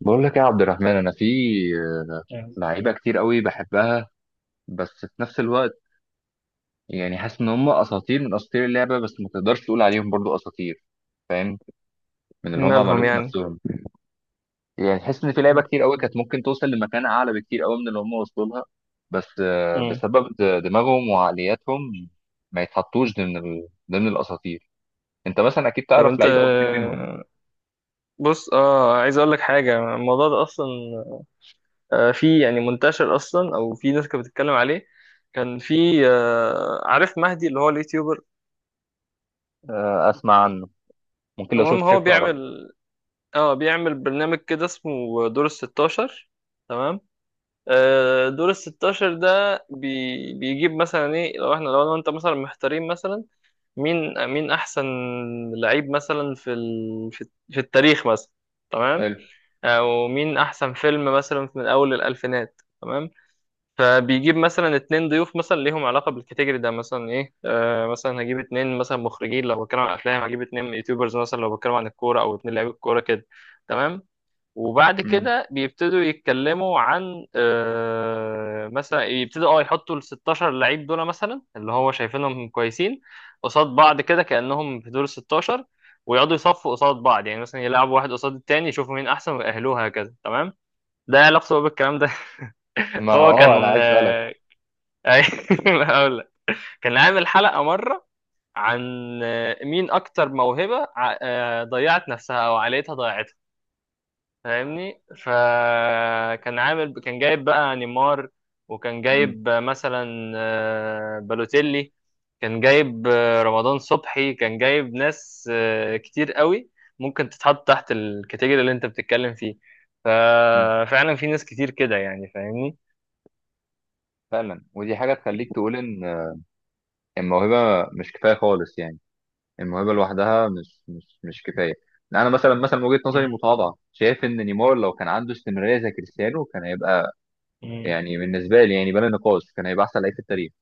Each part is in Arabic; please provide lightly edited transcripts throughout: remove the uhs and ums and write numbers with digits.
بقول لك يا عبد الرحمن، انا في آه، يعني. لعيبه كتير قوي بحبها، بس في نفس الوقت يعني حاسس ان هم اساطير من اساطير اللعبه، بس ما تقدرش تقول عليهم برضو اساطير. فاهم من اللي هم عملوه مالهم في يعني. نفسهم. يعني تحس ان في لعيبه مم. كتير قوي كانت ممكن توصل لمكان اعلى بكتير قوي من اللي هم وصلوا لها، بس مم. بسبب دماغهم وعقلياتهم ما يتحطوش ضمن ضمن الاساطير. انت مثلا اكيد طب تعرف انت لعيب او اتنين منهم. بص عايز اقول لك حاجه. الموضوع ده اصلا في يعني منتشر اصلا او في ناس كانت بتتكلم عليه. كان في عارف مهدي اللي هو اليوتيوبر. اسمع عنه، ممكن لو المهم شفت هو شكله اعرفه. بيعمل برنامج كده اسمه دور الستاشر. تمام. دور الستاشر ده بيجيب مثلا ايه لو احنا لو انا وانت مثلا محتارين مثلا مين احسن لعيب مثلا في ال... في في التاريخ مثلا. تمام. حلو. او مين احسن فيلم مثلا من اول الالفينات. تمام. فبيجيب مثلا اتنين ضيوف مثلا ليهم علاقه بالكاتيجوري ده، مثلا ايه مثلا هجيب اتنين مثلا مخرجين لو بتكلم عن افلام، هجيب اتنين يوتيوبرز مثلا لو بتكلم عن الكوره، او اتنين لعيبه الكوره كده. تمام. وبعد مم. كده بيبتدوا يتكلموا عن مثلا يبتدوا يحطوا ال 16 لعيب دول مثلا اللي هو شايفينهم كويسين قصاد بعض كده كأنهم في دور 16، ويقعدوا يصفوا قصاد بعض يعني مثلا يلعبوا واحد قصاد التاني يشوفوا مين احسن ويأهلوه هكذا. تمام. ده إيه علاقته بقى بالكلام ده. ما هو اه انا كان عايز اسالك. أي- هقول لك. كان عامل حلقة مرة عن مين اكتر موهبة ضيعت نفسها او عائلتها ضيعتها، فاهمني. فكان كان جايب بقى نيمار، وكان مم. جايب مثلا بالوتيلي، كان جايب رمضان صبحي، كان جايب ناس كتير قوي ممكن تتحط تحت الكاتيجوري اللي انت بتتكلم فيه. مم. ففعلا في ناس كتير كده يعني فاهمني. فعلا، ودي حاجة تخليك تقول إن الموهبة مش كفاية خالص يعني، الموهبة لوحدها مش كفاية. يعني أنا مثلا من وجهة نظري مم. المتواضعة شايف إن نيمار لو كان عنده استمرارية زي كريستيانو كان هيبقى، مم. يعني بالنسبة لي يعني بلا نقاش، كان هيبقى أحسن لعيب في التاريخ.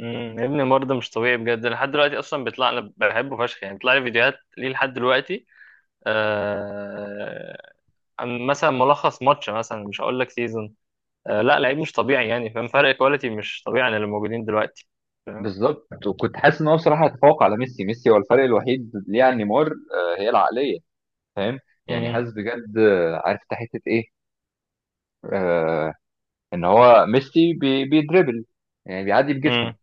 مم. يا ابني برضه مش طبيعي بجد لحد دلوقتي، اصلا بيطلع، انا بحبه فشخ يعني، بيطلع لي فيديوهات ليه لحد دلوقتي آه، عن مثلا ملخص ماتش مثلا مش هقول لك سيزون، لا لعيب مش طبيعي يعني فاهم. فرق كواليتي مش طبيعي عن اللي موجودين دلوقتي فاهم. بالظبط، وكنت حاسس إن هو بصراحة هيتفوق على ميسي. ميسي هو الفرق الوحيد ليه عن نيمار، هي العقلية. فاهم، يعني مم، حاسس بجد، عارف أنت حتة إيه؟ آه إن هو ميسي بيدربل، يعني بيعدي بجسمه. مم،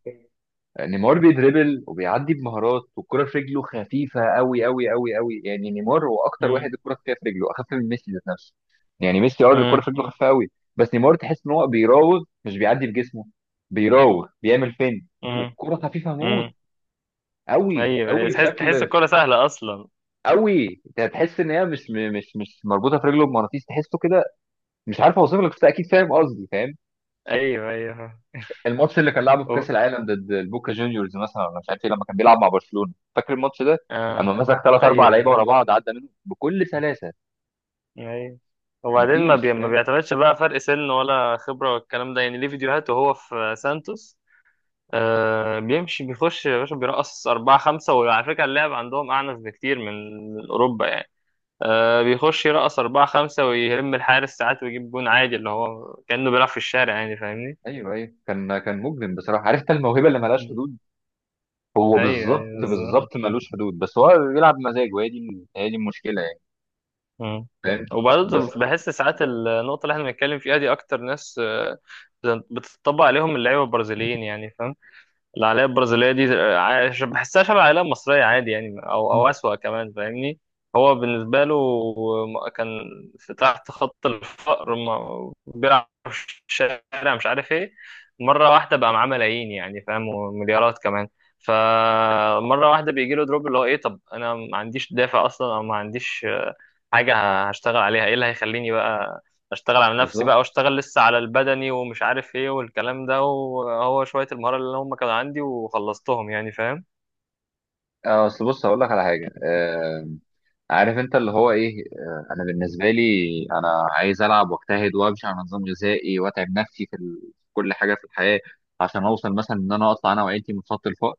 نيمار بيدريبل وبيعدي بمهارات، والكرة في رجله خفيفة قوي قوي قوي قوي. يعني نيمار هو أكتر واحد مم، الكرة خفيفة في رجله، أخف من ميسي ذات نفسه. يعني ميسي أه الكرة مم، في رجله خفيفة قوي، بس نيمار تحس إن هو بيراوغ، مش بيعدي بجسمه. بيراوغ، بيعمل فين، مم، والكرة خفيفة موت، مم. قوي ايوه أيوة. قوي تحس بشكل الكوره سهله اصلا. قوي. انت هتحس ان هي مش مربوطه في رجله بمغناطيس، تحسه كده. مش عارف اوصف لك، بس اكيد فاهم قصدي. فاهم ايوه ايوه. الماتش اللي كان لعبه في و... كاس العالم ضد البوكا جونيورز مثلا، ولا مش عارف ايه، لما كان بيلعب مع برشلونه؟ فاكر الماتش ده اما آه. مسك ثلاث اربع ايوه لعيبه ايوه. ورا بعض، عدى منهم بكل سلاسه. ايوه. وبعدين ما, مفيش بي... ما فاهم. بيعتمدش بقى فرق سن ولا خبره والكلام ده يعني، ليه فيديوهات وهو في سانتوس، بيمشي بيخش يا باشا، بيرقص أربعة خمسة. وعلى فكرة اللعب عندهم أعنف بكتير من أوروبا يعني. بيخش يرقص أربعة خمسة ويهم الحارس ساعات ويجيب جون عادي اللي هو كأنه بيلعب في الشارع يعني فاهمني. ايوه ايوه، كان كان مجرم بصراحه، عرفت الموهبه اللي ملهاش مم. حدود. هو أيوه بالظبط أيوه بالظبط. بالظبط ملوش حدود، بس هو بيلعب مزاجه. هي دي هي دي المشكله يعني، مم. فاهم؟ وبرضه بس بحس ساعات النقطة اللي احنا بنتكلم فيها دي أكتر ناس بتطبق عليهم اللعيبة البرازيليين يعني. العائلات البرازيلية دي بحسها شبه العائلة المصرية عادي يعني، أو أسوأ كمان فاهمني. هو بالنسبة له كان في تحت خط الفقر، بيلعب في الشارع مش عارف إيه، مرة واحدة بقى معاه ملايين يعني فاهم ومليارات كمان. فمرة واحدة بيجي له دروب اللي هو إيه، طب أنا ما عنديش دافع أصلا أو ما عنديش حاجة هشتغل عليها، إيه اللي هيخليني بقى اشتغل على نفسي بقى بالظبط. واشتغل لسه على البدني ومش عارف ايه والكلام ده وهو شوية المهارة اللي هم كانوا عندي وخلصتهم يعني فاهم. اصل بص هقول لك على حاجه، عارف انت اللي هو ايه، انا بالنسبه لي، انا عايز العب واجتهد وامشي على نظام غذائي واتعب نفسي في في كل حاجه في الحياه عشان اوصل مثلا ان انا اطلع انا وعيلتي من خط الفقر.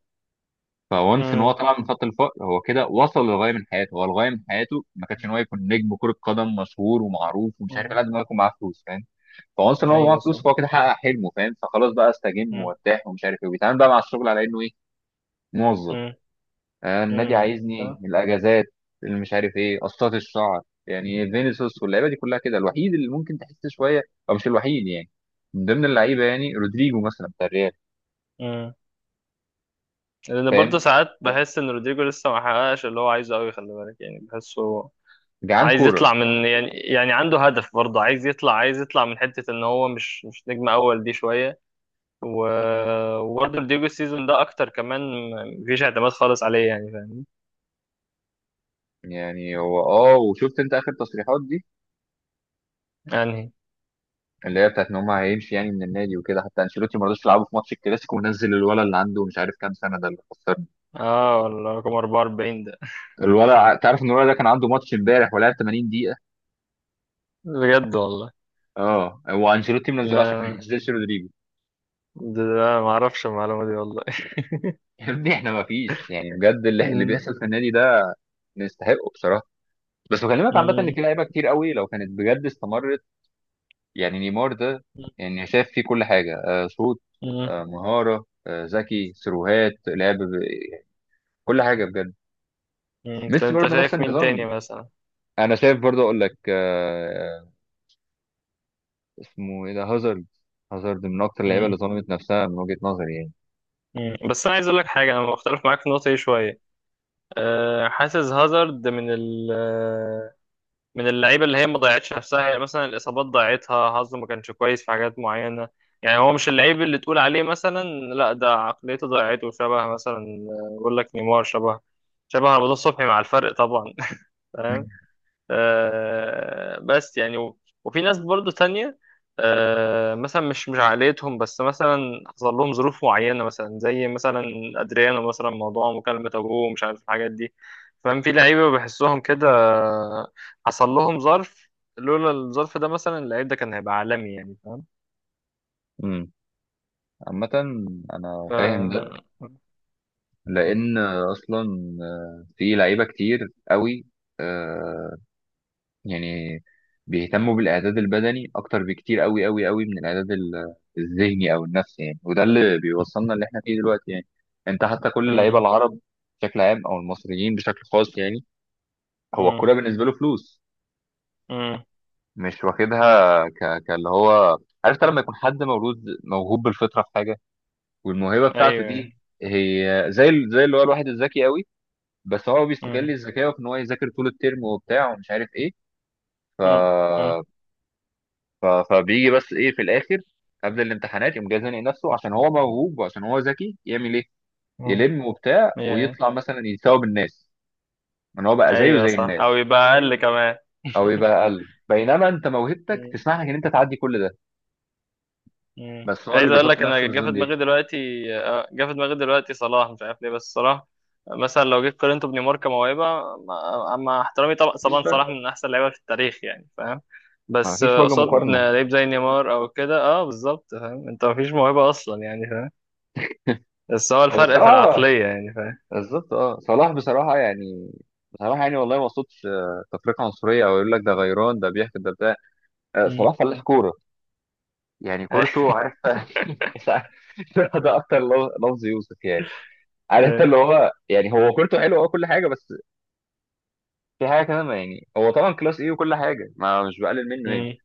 فونس ان هو امم. طلع من خط الفقر، هو كده وصل للغايه من حياته. هو الغايه من حياته ما كانش ان هو يكون نجم كره قدم مشهور ومعروف ومش عارف إيه، امم. لازم هو يكون معاه فلوس، فاهم؟ فونس ان هو معاه ايوه فلوس، صح. فهو كده حقق حلمه، فاهم؟ فخلاص بقى استجم مم. وارتاح ومش عارف ايه، وبيتعامل بقى مع الشغل على انه ايه، موظف. مم. النادي مم. عايزني صح. الاجازات اللي مش عارف ايه، قصات الشعر، يعني فينيسيوس واللعيبه دي كلها كده. الوحيد اللي ممكن تحس شويه، او مش الوحيد يعني، من ضمن اللعيبه يعني، رودريجو مثلا بتاع الريال. مم. لان برضه فاهم ساعات بحس ان رودريجو لسه ما حققش اللي هو عايزه قوي، خلي بالك يعني بحسه جعان عايز يطلع كوره. من يعني عنده هدف. برضه عايز يطلع من حتة ان هو مش نجم اول دي شوية. وبرضه رودريجو السيزون ده اكتر كمان مفيش اعتماد خالص عليه يعني فاهم. يعني هو اه، وشفت انت اخر تصريحات دي يعني اللي هي بتاعت ان هم هيمشي يعني من النادي وكده؟ حتى انشيلوتي ما رضاش يلعبه في ماتش الكلاسيكو، ونزل الولد اللي عنده مش عارف كام سنه ده اللي خسرنا. اه والله رقم 44 ده. الولد تعرف ان الولد ده كان عنده ماتش امبارح ولعب 80 دقيقه؟ بجد والله. اه، هو انشيلوتي منزله عشان ما لا ينزلش رودريجو. ده ما اعرفش المعلومة دي والله. يا ابني احنا ما فيش، يعني بجد اللي مم. بيحصل في النادي ده نستحقه بصراحه. بس بكلمك عامه ان مم. في لعيبه كتير قوي لو كانت بجد استمرت، يعني نيمار ده، يعني شايف فيه كل حاجه، آه شوط، مم. آه مهاره، آه ذكي، سيروهات، لعب ب...، كل حاجه بجد. مم. طب ميسي انت برضه نفس شايف مين تاني النظام. مثلا. انا شايف برضه اقول لك اسمه ايه ده، هازارد. هازارد من اكتر اللعيبه اللي مم. ظلمت نفسها من وجهه نظري يعني. مم. بس انا عايز اقول لك حاجة، انا مختلف معاك في النقطة دي شوية. أه حاسس هازارد من ال آه، من اللعيبه اللي هي ما ضيعتش نفسها، يعني مثلا الاصابات ضيعتها، حظه ما كانش كويس في حاجات معينه. يعني هو مش اللعيب اللي تقول عليه مثلا، لا ده عقليته ضيعته، شبه مثلا، بقول لك نيمار، شبه رمضان صبحي مع الفرق طبعا. بس يعني وفي ناس برضو تانية مثلا مش عائلتهم بس مثلا حصل لهم ظروف معينة، مثلا زي مثلا أدريانو مثلا موضوع مكالمة أبوه ومش عارف الحاجات دي فاهم. في لعيبة بحسهم كده حصل لهم ظرف، لولا الظرف ده مثلا اللعيب ده كان هيبقى عالمي يعني فاهم. امم، عامه انا ف فاهم ده، مم. لان اصلا في لعيبه كتير قوي، آه، يعني بيهتموا بالاعداد البدني اكتر بكتير قوي قوي قوي من الاعداد الذهني او النفسي يعني، وده اللي بيوصلنا اللي احنا فيه دلوقتي يعني. انت حتى كل اللعيبه مم. العرب بشكل عام، او المصريين بشكل خاص يعني، هو مم. الكوره بالنسبه له فلوس، مم. مش واخدها كاللي هو، عارف أنت لما يكون حد مولود موهوب بالفطره في حاجه، والموهبه بتاعته أيوه. دي هي زي زي اللي هو الواحد الذكي قوي، بس هو مم. بيستغل ذكائه في ان هو يذاكر طول الترم وبتاع ومش عارف ايه، ف... مم. مم. فبيجي بس ايه في الاخر، قبل الامتحانات، يقوم جاي زانق نفسه عشان هو موهوب وعشان هو ذكي، يعمل ايه؟ مم. يلم وبتاع Yeah. أيوه. ويطلع مثلا يساوي الناس، ان هو بقى زيه أيوه زي صح، أو الناس، يبقى أقل كمان. او يبقى اقل، بينما انت موهبتك تسمح لك ان انت تعدي كل ده، مم. بس هو اللي عايز اقول بيحط لك نفسه في انا الزون دي. جه في دماغي دلوقتي صلاح. مش عارف ليه بس صلاح مثلا لو جيت قارنته بنيمار كموهبه، مع احترامي طبعا مفيش طبعا، صلاح فرق، من احسن اللعيبه في التاريخ يعني فاهم. بس مفيش وجه قصاد مقارنه. لعيب زي نيمار او كده، بالظبط، فاهم انت مفيش موهبه اصلا يعني فاهم. بس هو هو الفرق في بصراحه العقليه يعني فاهم. بالظبط، اه صلاح بصراحه يعني، بصراحه يعني والله ما صوتش تفرقه عنصريه او يقول لك ده غيران ده بيحكي ده بتاع، مم. صلاح فلاح كوره، يعني أي- كورته، عارف مش عارف، ده اكتر لفظ يوسف يعني، عارف انت أي. اللي هو يعني، هو كورته حلوه اه كل حاجه، بس في حاجه كمان ما، يعني هو طبعا كلاس ايه وكل حاجه، ما مش بقلل منه يعني، مم.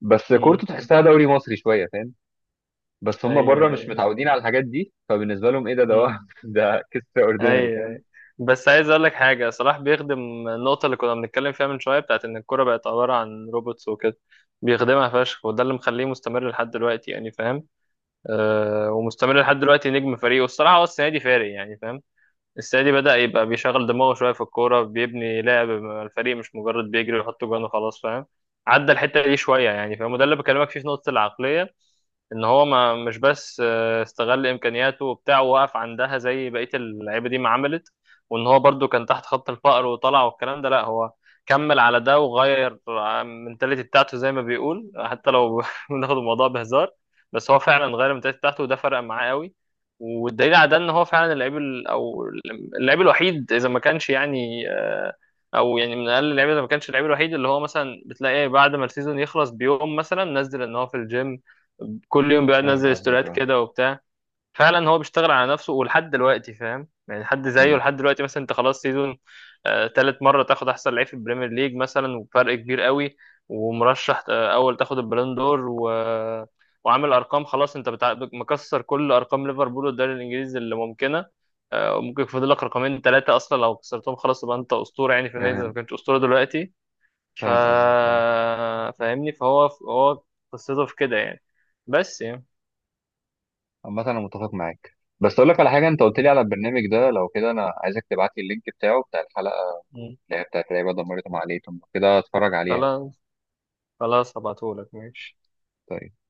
بس مم. كورته تحسها دوري مصري شويه، فاهم؟ بس هم بره ايوه مش أيوة. متعودين على الحاجات دي، فبالنسبه لهم ايه ده، ده مم. ده كيس اوردينري، ايوه فاهم؟ أيوة. بس عايز اقول لك حاجه، صلاح بيخدم النقطه اللي كنا بنتكلم فيها من شويه، بتاعت ان الكوره بقت عباره عن روبوتس وكده. بيخدمها فشخ وده اللي مخليه مستمر لحد دلوقتي يعني فاهم. ومستمر لحد دلوقتي نجم فريقه الصراحه، هو السنه دي فارق يعني فاهم. السعيدي بدأ يبقى بيشغل دماغه شوية في الكورة، بيبني لعب مع الفريق، مش مجرد بيجري ويحط جوان وخلاص فاهم. عدى الحتة دي شوية يعني فاهم. وده اللي بكلمك فيه في نقطة العقلية، ان هو ما مش بس استغل امكانياته وبتاع ووقف عندها زي بقيه اللعيبه دي ما عملت، وان هو برضو كان تحت خط الفقر وطلع والكلام ده لا، هو كمل على ده وغير المنتاليتي بتاعته، زي ما بيقول حتى لو بناخد الموضوع بهزار، بس هو فعلا غير المنتاليتي بتاعته وده فرق معاه قوي. والدليل على ده ان هو فعلا اللعيب ال- او اللعيب الوحيد اذا ما كانش يعني او يعني من اقل اللعيبه اذا ما كانش اللعيب الوحيد اللي هو مثلا بتلاقيه بعد ما السيزون يخلص بيوم مثلا نزل ان هو في الجيم. كل يوم بيقعد فاهم ينزل قصدك ستوريات اه. كده وبتاع. فعلا هو بيشتغل على نفسه ولحد دلوقتي فاهم. يعني حد زيه أمم. لحد دلوقتي، مثلا انت خلاص سيزون تالت مرة تاخد احسن لعيب في البريمير ليج مثلا وفرق كبير قوي، ومرشح اول تاخد البالون دور، وعامل ارقام خلاص، انت مكسر كل ارقام ليفربول والدوري الانجليزي اللي ممكنة. وممكن يفضل لك رقمين ثلاثة اصلا، لو كسرتهم خلاص يبقى انت اسطورة يعني في النادي اذا ما فاهم كنتش اسطورة دلوقتي. ف فاهم قصدك اه. فاهمني. فهو قصته في كده يعني. بس يعني. عامة انا متفق معاك، بس اقول لك على حاجه، انت قلت لي على البرنامج ده، لو كده انا عايزك تبعت لي اللينك بتاعه، بتاع الحلقه مم. اللي هي بتاعت لعيبة دمرت عقليتهم كده، اتفرج عليها. خلاص خلاص هبعتهولك، ماشي. طيب.